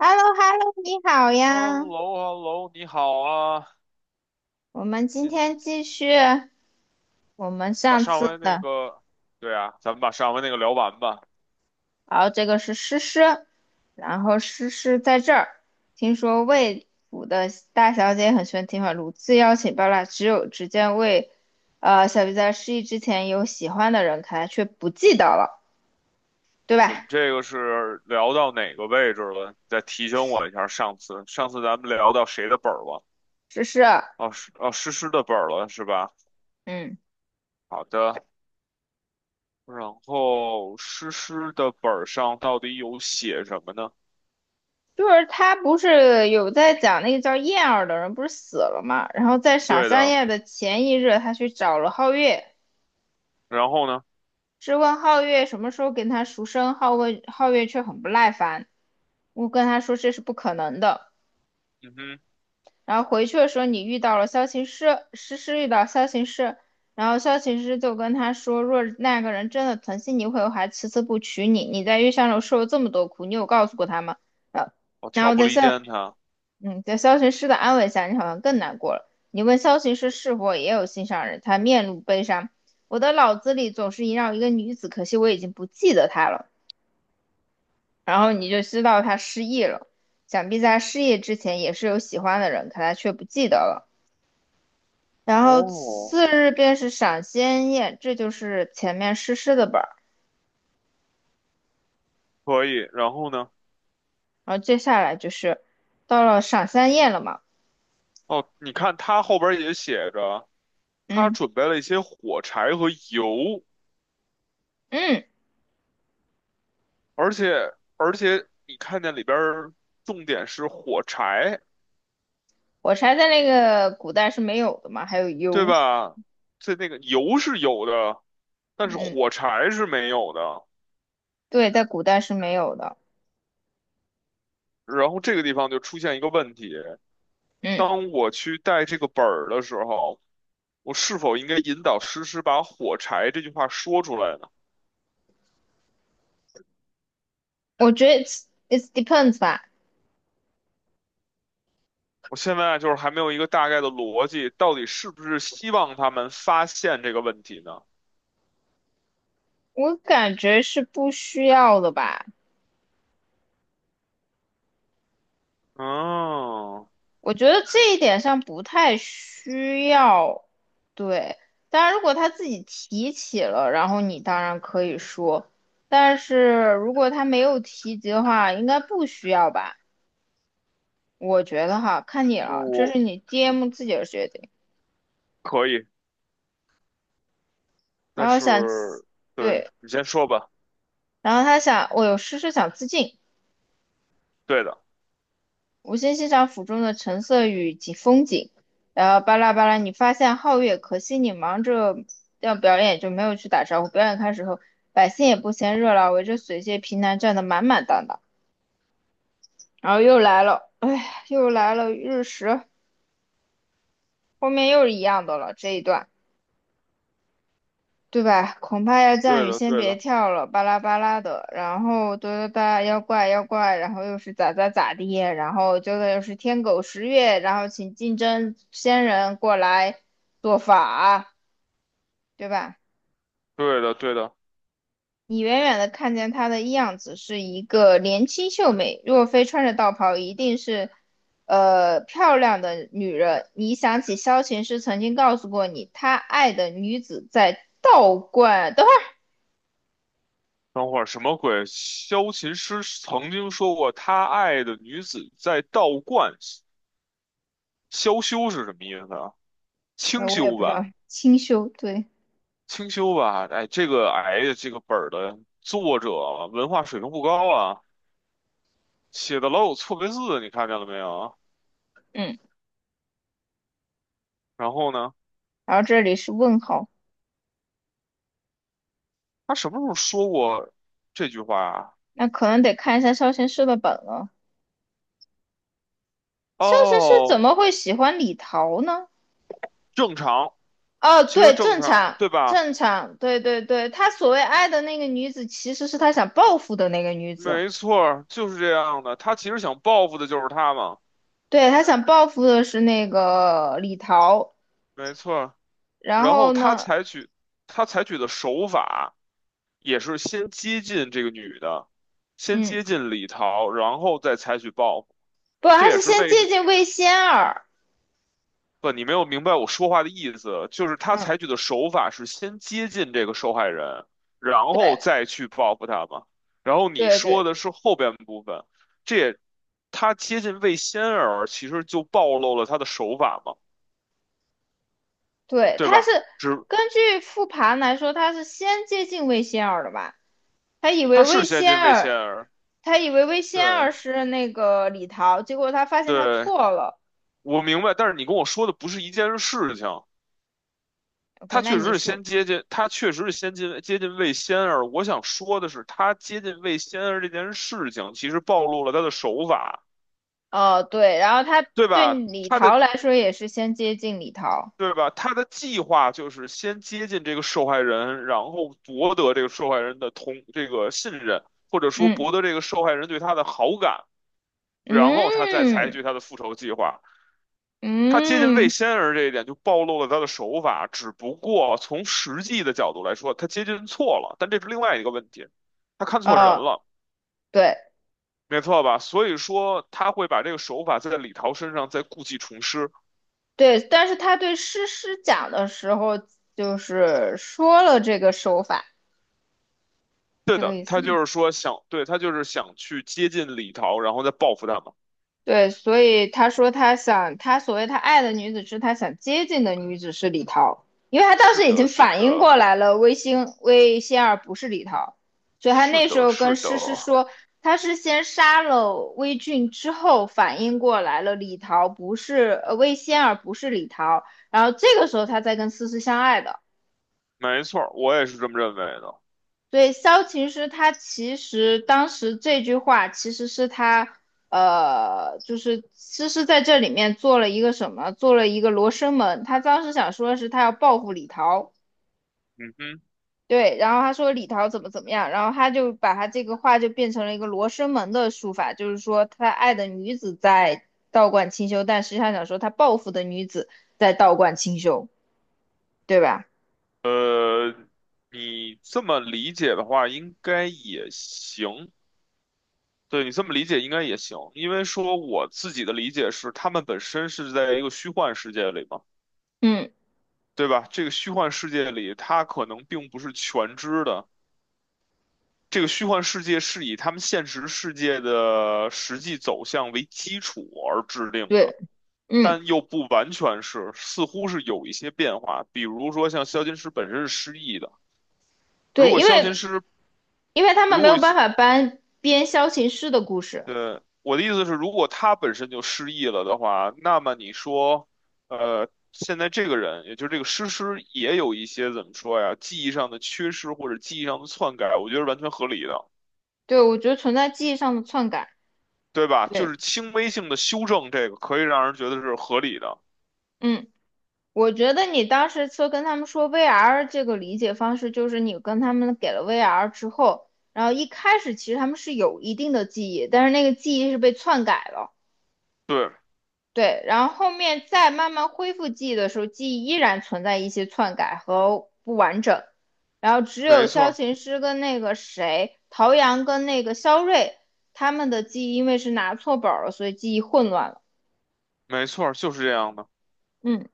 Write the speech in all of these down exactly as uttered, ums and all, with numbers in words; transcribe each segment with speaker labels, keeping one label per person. Speaker 1: h e l l o h e l l o 你好
Speaker 2: h e l
Speaker 1: 呀！
Speaker 2: l o h e l l o 你好啊！
Speaker 1: 我们今天
Speaker 2: 今
Speaker 1: 继续我们
Speaker 2: 把
Speaker 1: 上
Speaker 2: 上
Speaker 1: 次
Speaker 2: 回那
Speaker 1: 的，
Speaker 2: 个，对啊，咱们把上回那个聊完吧。
Speaker 1: 然后这个是诗诗，然后诗诗在这儿。听说魏府的大小姐很喜欢听话，屡次邀请包揽，只有只见魏，呃，小鱼在失忆之前有喜欢的人，可他却不记得了，对
Speaker 2: 我们
Speaker 1: 吧？
Speaker 2: 这个是聊到哪个位置了？再提醒我一下，上次上次咱们聊到谁的本儿了？
Speaker 1: 诗诗，
Speaker 2: 哦，是哦，诗诗的本儿了是吧？
Speaker 1: 嗯，
Speaker 2: 好的，然后诗诗的本儿上到底有写什么呢？
Speaker 1: 就是他不是有在讲那个叫燕儿的人不是死了嘛，然后在赏
Speaker 2: 对
Speaker 1: 香
Speaker 2: 的，
Speaker 1: 宴的前一日，他去找了皓月。
Speaker 2: 然后呢？
Speaker 1: 质问皓月什么时候给他赎身，皓问皓月却很不耐烦。我跟他说这是不可能的。
Speaker 2: 嗯哼，
Speaker 1: 然后回去的时候，你遇到了萧琴师，诗诗遇到萧琴师，然后萧琴师就跟他说，若那个人真的疼惜你，会还迟迟不娶你。你在月相楼受了这么多苦，你有告诉过他吗？呃，
Speaker 2: 我
Speaker 1: 然
Speaker 2: 挑
Speaker 1: 后
Speaker 2: 拨
Speaker 1: 在
Speaker 2: 离
Speaker 1: 萧，
Speaker 2: 间他。
Speaker 1: 嗯，在萧琴师的安慰下，你好像更难过了。你问萧琴师是否也有心上人，他面露悲伤。我的脑子里总是萦绕一个女子，可惜我已经不记得她了。然后你就知道他失忆了。想必在他失忆之前也是有喜欢的人，可他却不记得了。然后
Speaker 2: 哦，
Speaker 1: 次日便是赏仙宴，这就是前面诗诗的本儿。
Speaker 2: 可以，然后呢？
Speaker 1: 然后接下来就是到了赏仙宴了嘛，
Speaker 2: 哦，你看他后边也写着。他
Speaker 1: 嗯
Speaker 2: 准备了一些火柴和油，
Speaker 1: 嗯，
Speaker 2: 而且而且你看见里边儿重点是火柴，
Speaker 1: 我猜在那个古代是没有的嘛，还有
Speaker 2: 对
Speaker 1: 油，
Speaker 2: 吧？这那个油是有的，但是
Speaker 1: 嗯，
Speaker 2: 火柴是没有的。
Speaker 1: 对，在古代是没有的，
Speaker 2: 然后这个地方就出现一个问题：
Speaker 1: 嗯，
Speaker 2: 当我去带这个本儿的时候，我是否应该引导诗诗把"火柴"这句话说出来呢？
Speaker 1: 我觉得 it's it depends 吧，
Speaker 2: 我现在啊就是还没有一个大概的逻辑，到底是不是希望他们发现这个问题呢？
Speaker 1: 我感觉是不需要的吧。
Speaker 2: 嗯。
Speaker 1: 我觉得这一点上不太需要，对。当然，如果他自己提起了，然后你当然可以说，但是如果他没有提及的话，应该不需要吧？我觉得哈，看你了，这
Speaker 2: 我
Speaker 1: 是你
Speaker 2: 嗯
Speaker 1: D M 自己的决定。
Speaker 2: 可以，
Speaker 1: 然
Speaker 2: 但
Speaker 1: 后想，
Speaker 2: 是对
Speaker 1: 对，
Speaker 2: 你先说吧。
Speaker 1: 然后他想，我有事是想自尽，
Speaker 2: 对的，
Speaker 1: 无心欣赏府中的橙色与景风景，然后巴拉巴拉，你发现皓月，可惜你忙着要表演，就没有去打招呼。表演开始后，百姓也不嫌热闹，围着水榭平南站得满满当当。然后又来了，哎，又来了日食，后面又是一样的了，这一段。对吧？恐怕要降
Speaker 2: 对
Speaker 1: 雨，
Speaker 2: 的，
Speaker 1: 先
Speaker 2: 对
Speaker 1: 别
Speaker 2: 的，
Speaker 1: 跳了，巴拉巴拉的，然后哒哒哒，妖怪妖怪，然后又是咋咋咋地，然后接着又是天狗食月，然后请竞争仙人过来做法，对吧？
Speaker 2: 对的，对的。
Speaker 1: 你远远的看见她的样子是一个年轻秀美，若非穿着道袍，一定是，呃，漂亮的女人。你想起萧琴师曾经告诉过你，她爱的女子在道观，等会
Speaker 2: 等会儿什么鬼？萧琴师曾经说过，他爱的女子在道观。萧修是什么意思啊？
Speaker 1: 儿，
Speaker 2: 清
Speaker 1: 呃，我也
Speaker 2: 修
Speaker 1: 不知道，
Speaker 2: 吧。
Speaker 1: 清修，对。
Speaker 2: 清修吧。哎，这个哎呀，这个本儿的作者文化水平不高啊，写的老有错别字，你看见了没有？
Speaker 1: 嗯，
Speaker 2: 然后呢，
Speaker 1: 然后这里是问号，
Speaker 2: 他什么时候说过这句话啊？
Speaker 1: 那可能得看一下萧贤师的本了。萧贤师怎
Speaker 2: 哦，
Speaker 1: 么会喜欢李桃呢？
Speaker 2: 正常。
Speaker 1: 哦，
Speaker 2: 其实
Speaker 1: 对，
Speaker 2: 正
Speaker 1: 正
Speaker 2: 常，
Speaker 1: 常，
Speaker 2: 对吧？
Speaker 1: 正常，对对对，他所谓爱的那个女子，其实是他想报复的那个女子，
Speaker 2: 没错儿，就是这样的。他其实想报复的就是他嘛，
Speaker 1: 对，他想报复的是那个李桃，
Speaker 2: 没错儿。
Speaker 1: 然
Speaker 2: 然后
Speaker 1: 后
Speaker 2: 他
Speaker 1: 呢，
Speaker 2: 采取他采取的手法也是先接近这个女的，先
Speaker 1: 嗯，
Speaker 2: 接近李桃，然后再采取报复。
Speaker 1: 不，
Speaker 2: 这
Speaker 1: 他
Speaker 2: 也
Speaker 1: 是
Speaker 2: 是
Speaker 1: 先
Speaker 2: 为
Speaker 1: 接近魏仙儿，
Speaker 2: 不，你没有明白我说话的意思，就是他
Speaker 1: 嗯，
Speaker 2: 采取的手法是先接近这个受害人，然后
Speaker 1: 对
Speaker 2: 再去报复他嘛。然后你
Speaker 1: 对对
Speaker 2: 说的是后边部分，这也他接近魏仙儿，其实就暴露了他的手法嘛，
Speaker 1: 对，
Speaker 2: 对
Speaker 1: 他是
Speaker 2: 吧？只
Speaker 1: 根据复盘来说，他是先接近魏仙儿的吧？他以
Speaker 2: 他
Speaker 1: 为
Speaker 2: 是
Speaker 1: 魏
Speaker 2: 先进
Speaker 1: 仙
Speaker 2: 魏仙
Speaker 1: 儿，
Speaker 2: 儿。
Speaker 1: 他以为魏仙
Speaker 2: 对
Speaker 1: 儿是那个李桃，结果他发现他
Speaker 2: 对，
Speaker 1: 错了。
Speaker 2: 我明白。但是你跟我说的不是一件事情，
Speaker 1: OK，
Speaker 2: 他
Speaker 1: 那
Speaker 2: 确实
Speaker 1: 你
Speaker 2: 是
Speaker 1: 说，
Speaker 2: 先接近，他确实是先进接近魏仙儿。我想说的是，他接近魏仙儿这件事情，其实暴露了他的手法，
Speaker 1: 哦，对，然后他
Speaker 2: 对
Speaker 1: 对
Speaker 2: 吧？
Speaker 1: 李
Speaker 2: 他
Speaker 1: 桃
Speaker 2: 的
Speaker 1: 来说也是先接近李桃，
Speaker 2: 对吧？他的计划就是先接近这个受害人，然后博得这个受害人的同这个信任，或者说
Speaker 1: 嗯
Speaker 2: 博得这个受害人对他的好感，然后他再采
Speaker 1: 嗯
Speaker 2: 取他的复仇计划。他接近魏
Speaker 1: 嗯，
Speaker 2: 仙儿这一点就暴露了他的手法，只不过从实际的角度来说，他接近错了，但这是另外一个问题，他看错人
Speaker 1: 哦，
Speaker 2: 了，
Speaker 1: 对
Speaker 2: 没错吧？所以说他会把这个手法在李桃身上再故技重施。
Speaker 1: 对，但是他对诗诗讲的时候，就是说了这个手法，
Speaker 2: 对
Speaker 1: 这个
Speaker 2: 的，
Speaker 1: 意思
Speaker 2: 他
Speaker 1: 吗？
Speaker 2: 就是说想，对，他就是想去接近李桃，然后再报复他嘛。
Speaker 1: 对，所以他说他想，他所谓他爱的女子是他想接近的女子是李桃，因为他当
Speaker 2: 是
Speaker 1: 时已
Speaker 2: 的，
Speaker 1: 经
Speaker 2: 是
Speaker 1: 反应
Speaker 2: 的，
Speaker 1: 过来了，魏星魏仙儿不是李桃，所以他
Speaker 2: 是
Speaker 1: 那时
Speaker 2: 的，
Speaker 1: 候跟
Speaker 2: 是的，
Speaker 1: 诗诗说，他是先杀了魏俊之后反应过来了，李桃不是呃魏仙儿不是李桃，然后这个时候他才跟思思相爱的。
Speaker 2: 没错儿，我也是这么认为的。
Speaker 1: 对，萧琴师他其实当时这句话其实是他，呃，就是诗诗在这里面做了一个什么，做了一个罗生门。他当时想说的是他要报复李桃，
Speaker 2: 嗯哼，
Speaker 1: 对，然后他说李桃怎么怎么样，然后他就把他这个话就变成了一个罗生门的术法，就是说他爱的女子在道观清修，但实际上想说他报复的女子在道观清修，对吧？
Speaker 2: 呃，你这么理解的话，应该也行。对你这么理解应该也行，因为说我自己的理解是，他们本身是在一个虚幻世界里嘛，
Speaker 1: 嗯，
Speaker 2: 对吧？这个虚幻世界里，它可能并不是全知的。这个虚幻世界是以他们现实世界的实际走向为基础而制定的，
Speaker 1: 对，嗯。
Speaker 2: 但又不完全是，似乎是有一些变化。比如说，像萧琴师本身是失忆的，如
Speaker 1: 对，
Speaker 2: 果
Speaker 1: 因
Speaker 2: 萧琴
Speaker 1: 为
Speaker 2: 师
Speaker 1: 因为他们
Speaker 2: 如
Speaker 1: 没
Speaker 2: 果
Speaker 1: 有办法搬编萧琴师的故事。
Speaker 2: 对，我的意思是，如果他本身就失忆了的话，那么你说，呃，现在这个人，也就是这个诗诗，也有一些怎么说呀，记忆上的缺失或者记忆上的篡改，我觉得是完全合理的，
Speaker 1: 对，我觉得存在记忆上的篡改。
Speaker 2: 对吧？就
Speaker 1: 对，
Speaker 2: 是轻微性的修正，这个可以让人觉得是合理的。
Speaker 1: 嗯，我觉得你当时说跟他们说 V R 这个理解方式，就是你跟他们给了 V R 之后，然后一开始其实他们是有一定的记忆，但是那个记忆是被篡改了。
Speaker 2: 对，
Speaker 1: 对，然后后面再慢慢恢复记忆的时候，记忆依然存在一些篡改和不完整。然后只有
Speaker 2: 没错
Speaker 1: 萧
Speaker 2: 儿
Speaker 1: 琴师跟那个谁，陶阳跟那个肖瑞，他们的记忆因为是拿错本儿了，所以记忆混乱了。
Speaker 2: 没错儿就是这样的。
Speaker 1: 嗯。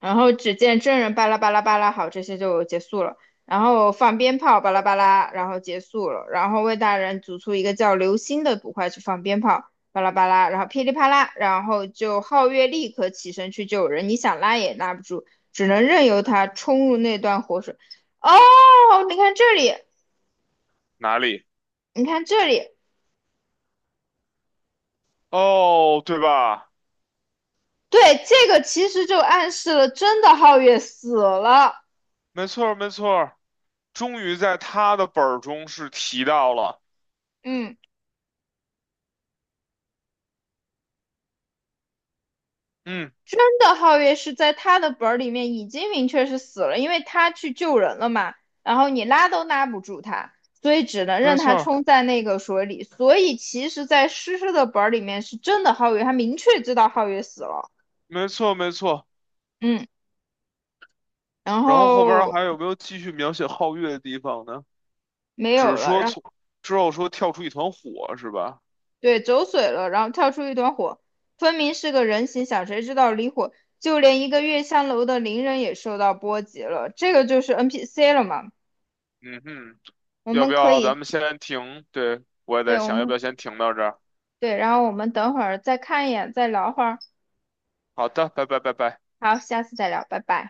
Speaker 1: 然后只见真人巴拉巴拉巴拉，好，这些就结束了。然后放鞭炮，巴拉巴拉，然后结束了。然后魏大人组出一个叫流星的捕快去放鞭炮，巴拉巴拉，然后噼里啪啦，然后就皓月立刻起身去救人，你想拉也拉不住，只能任由他冲入那段火水。哦，你看这里，
Speaker 2: 哪里？
Speaker 1: 你看这里，
Speaker 2: 哦，对吧？
Speaker 1: 对，这个其实就暗示了真的皓月死了。
Speaker 2: 没错儿没错儿终于在他的本儿中是提到了。
Speaker 1: 嗯。
Speaker 2: 嗯，
Speaker 1: 真的，皓月是在他的本儿里面已经明确是死了，因为他去救人了嘛，然后你拉都拉不住他，所以只能
Speaker 2: 没
Speaker 1: 任
Speaker 2: 错
Speaker 1: 他
Speaker 2: 儿
Speaker 1: 冲在那个水里。所以其实，在诗诗的本儿里面是真的皓月，他明确知道皓月死了，
Speaker 2: 没错，没错。
Speaker 1: 嗯，然
Speaker 2: 然后后边
Speaker 1: 后
Speaker 2: 儿还有没有继续描写皓月的地方呢？
Speaker 1: 没
Speaker 2: 只是
Speaker 1: 有了，
Speaker 2: 说
Speaker 1: 然
Speaker 2: 从
Speaker 1: 后
Speaker 2: 之后说跳出一团火是吧？
Speaker 1: 对走水了，然后跳出一团火，分明是个人形，想谁知道离火，就连一个月香楼的邻人也受到波及了，这个就是 N P C 了嘛，
Speaker 2: 嗯哼，
Speaker 1: 我
Speaker 2: 要
Speaker 1: 们
Speaker 2: 不
Speaker 1: 可
Speaker 2: 要咱
Speaker 1: 以，
Speaker 2: 们先停？对，我也
Speaker 1: 对，
Speaker 2: 在
Speaker 1: 我
Speaker 2: 想，要不要
Speaker 1: 们。
Speaker 2: 先停到这儿？
Speaker 1: 对，然后我们等会儿再看一眼，再聊会儿。
Speaker 2: 好的，拜拜拜拜。
Speaker 1: 好，下次再聊，拜拜。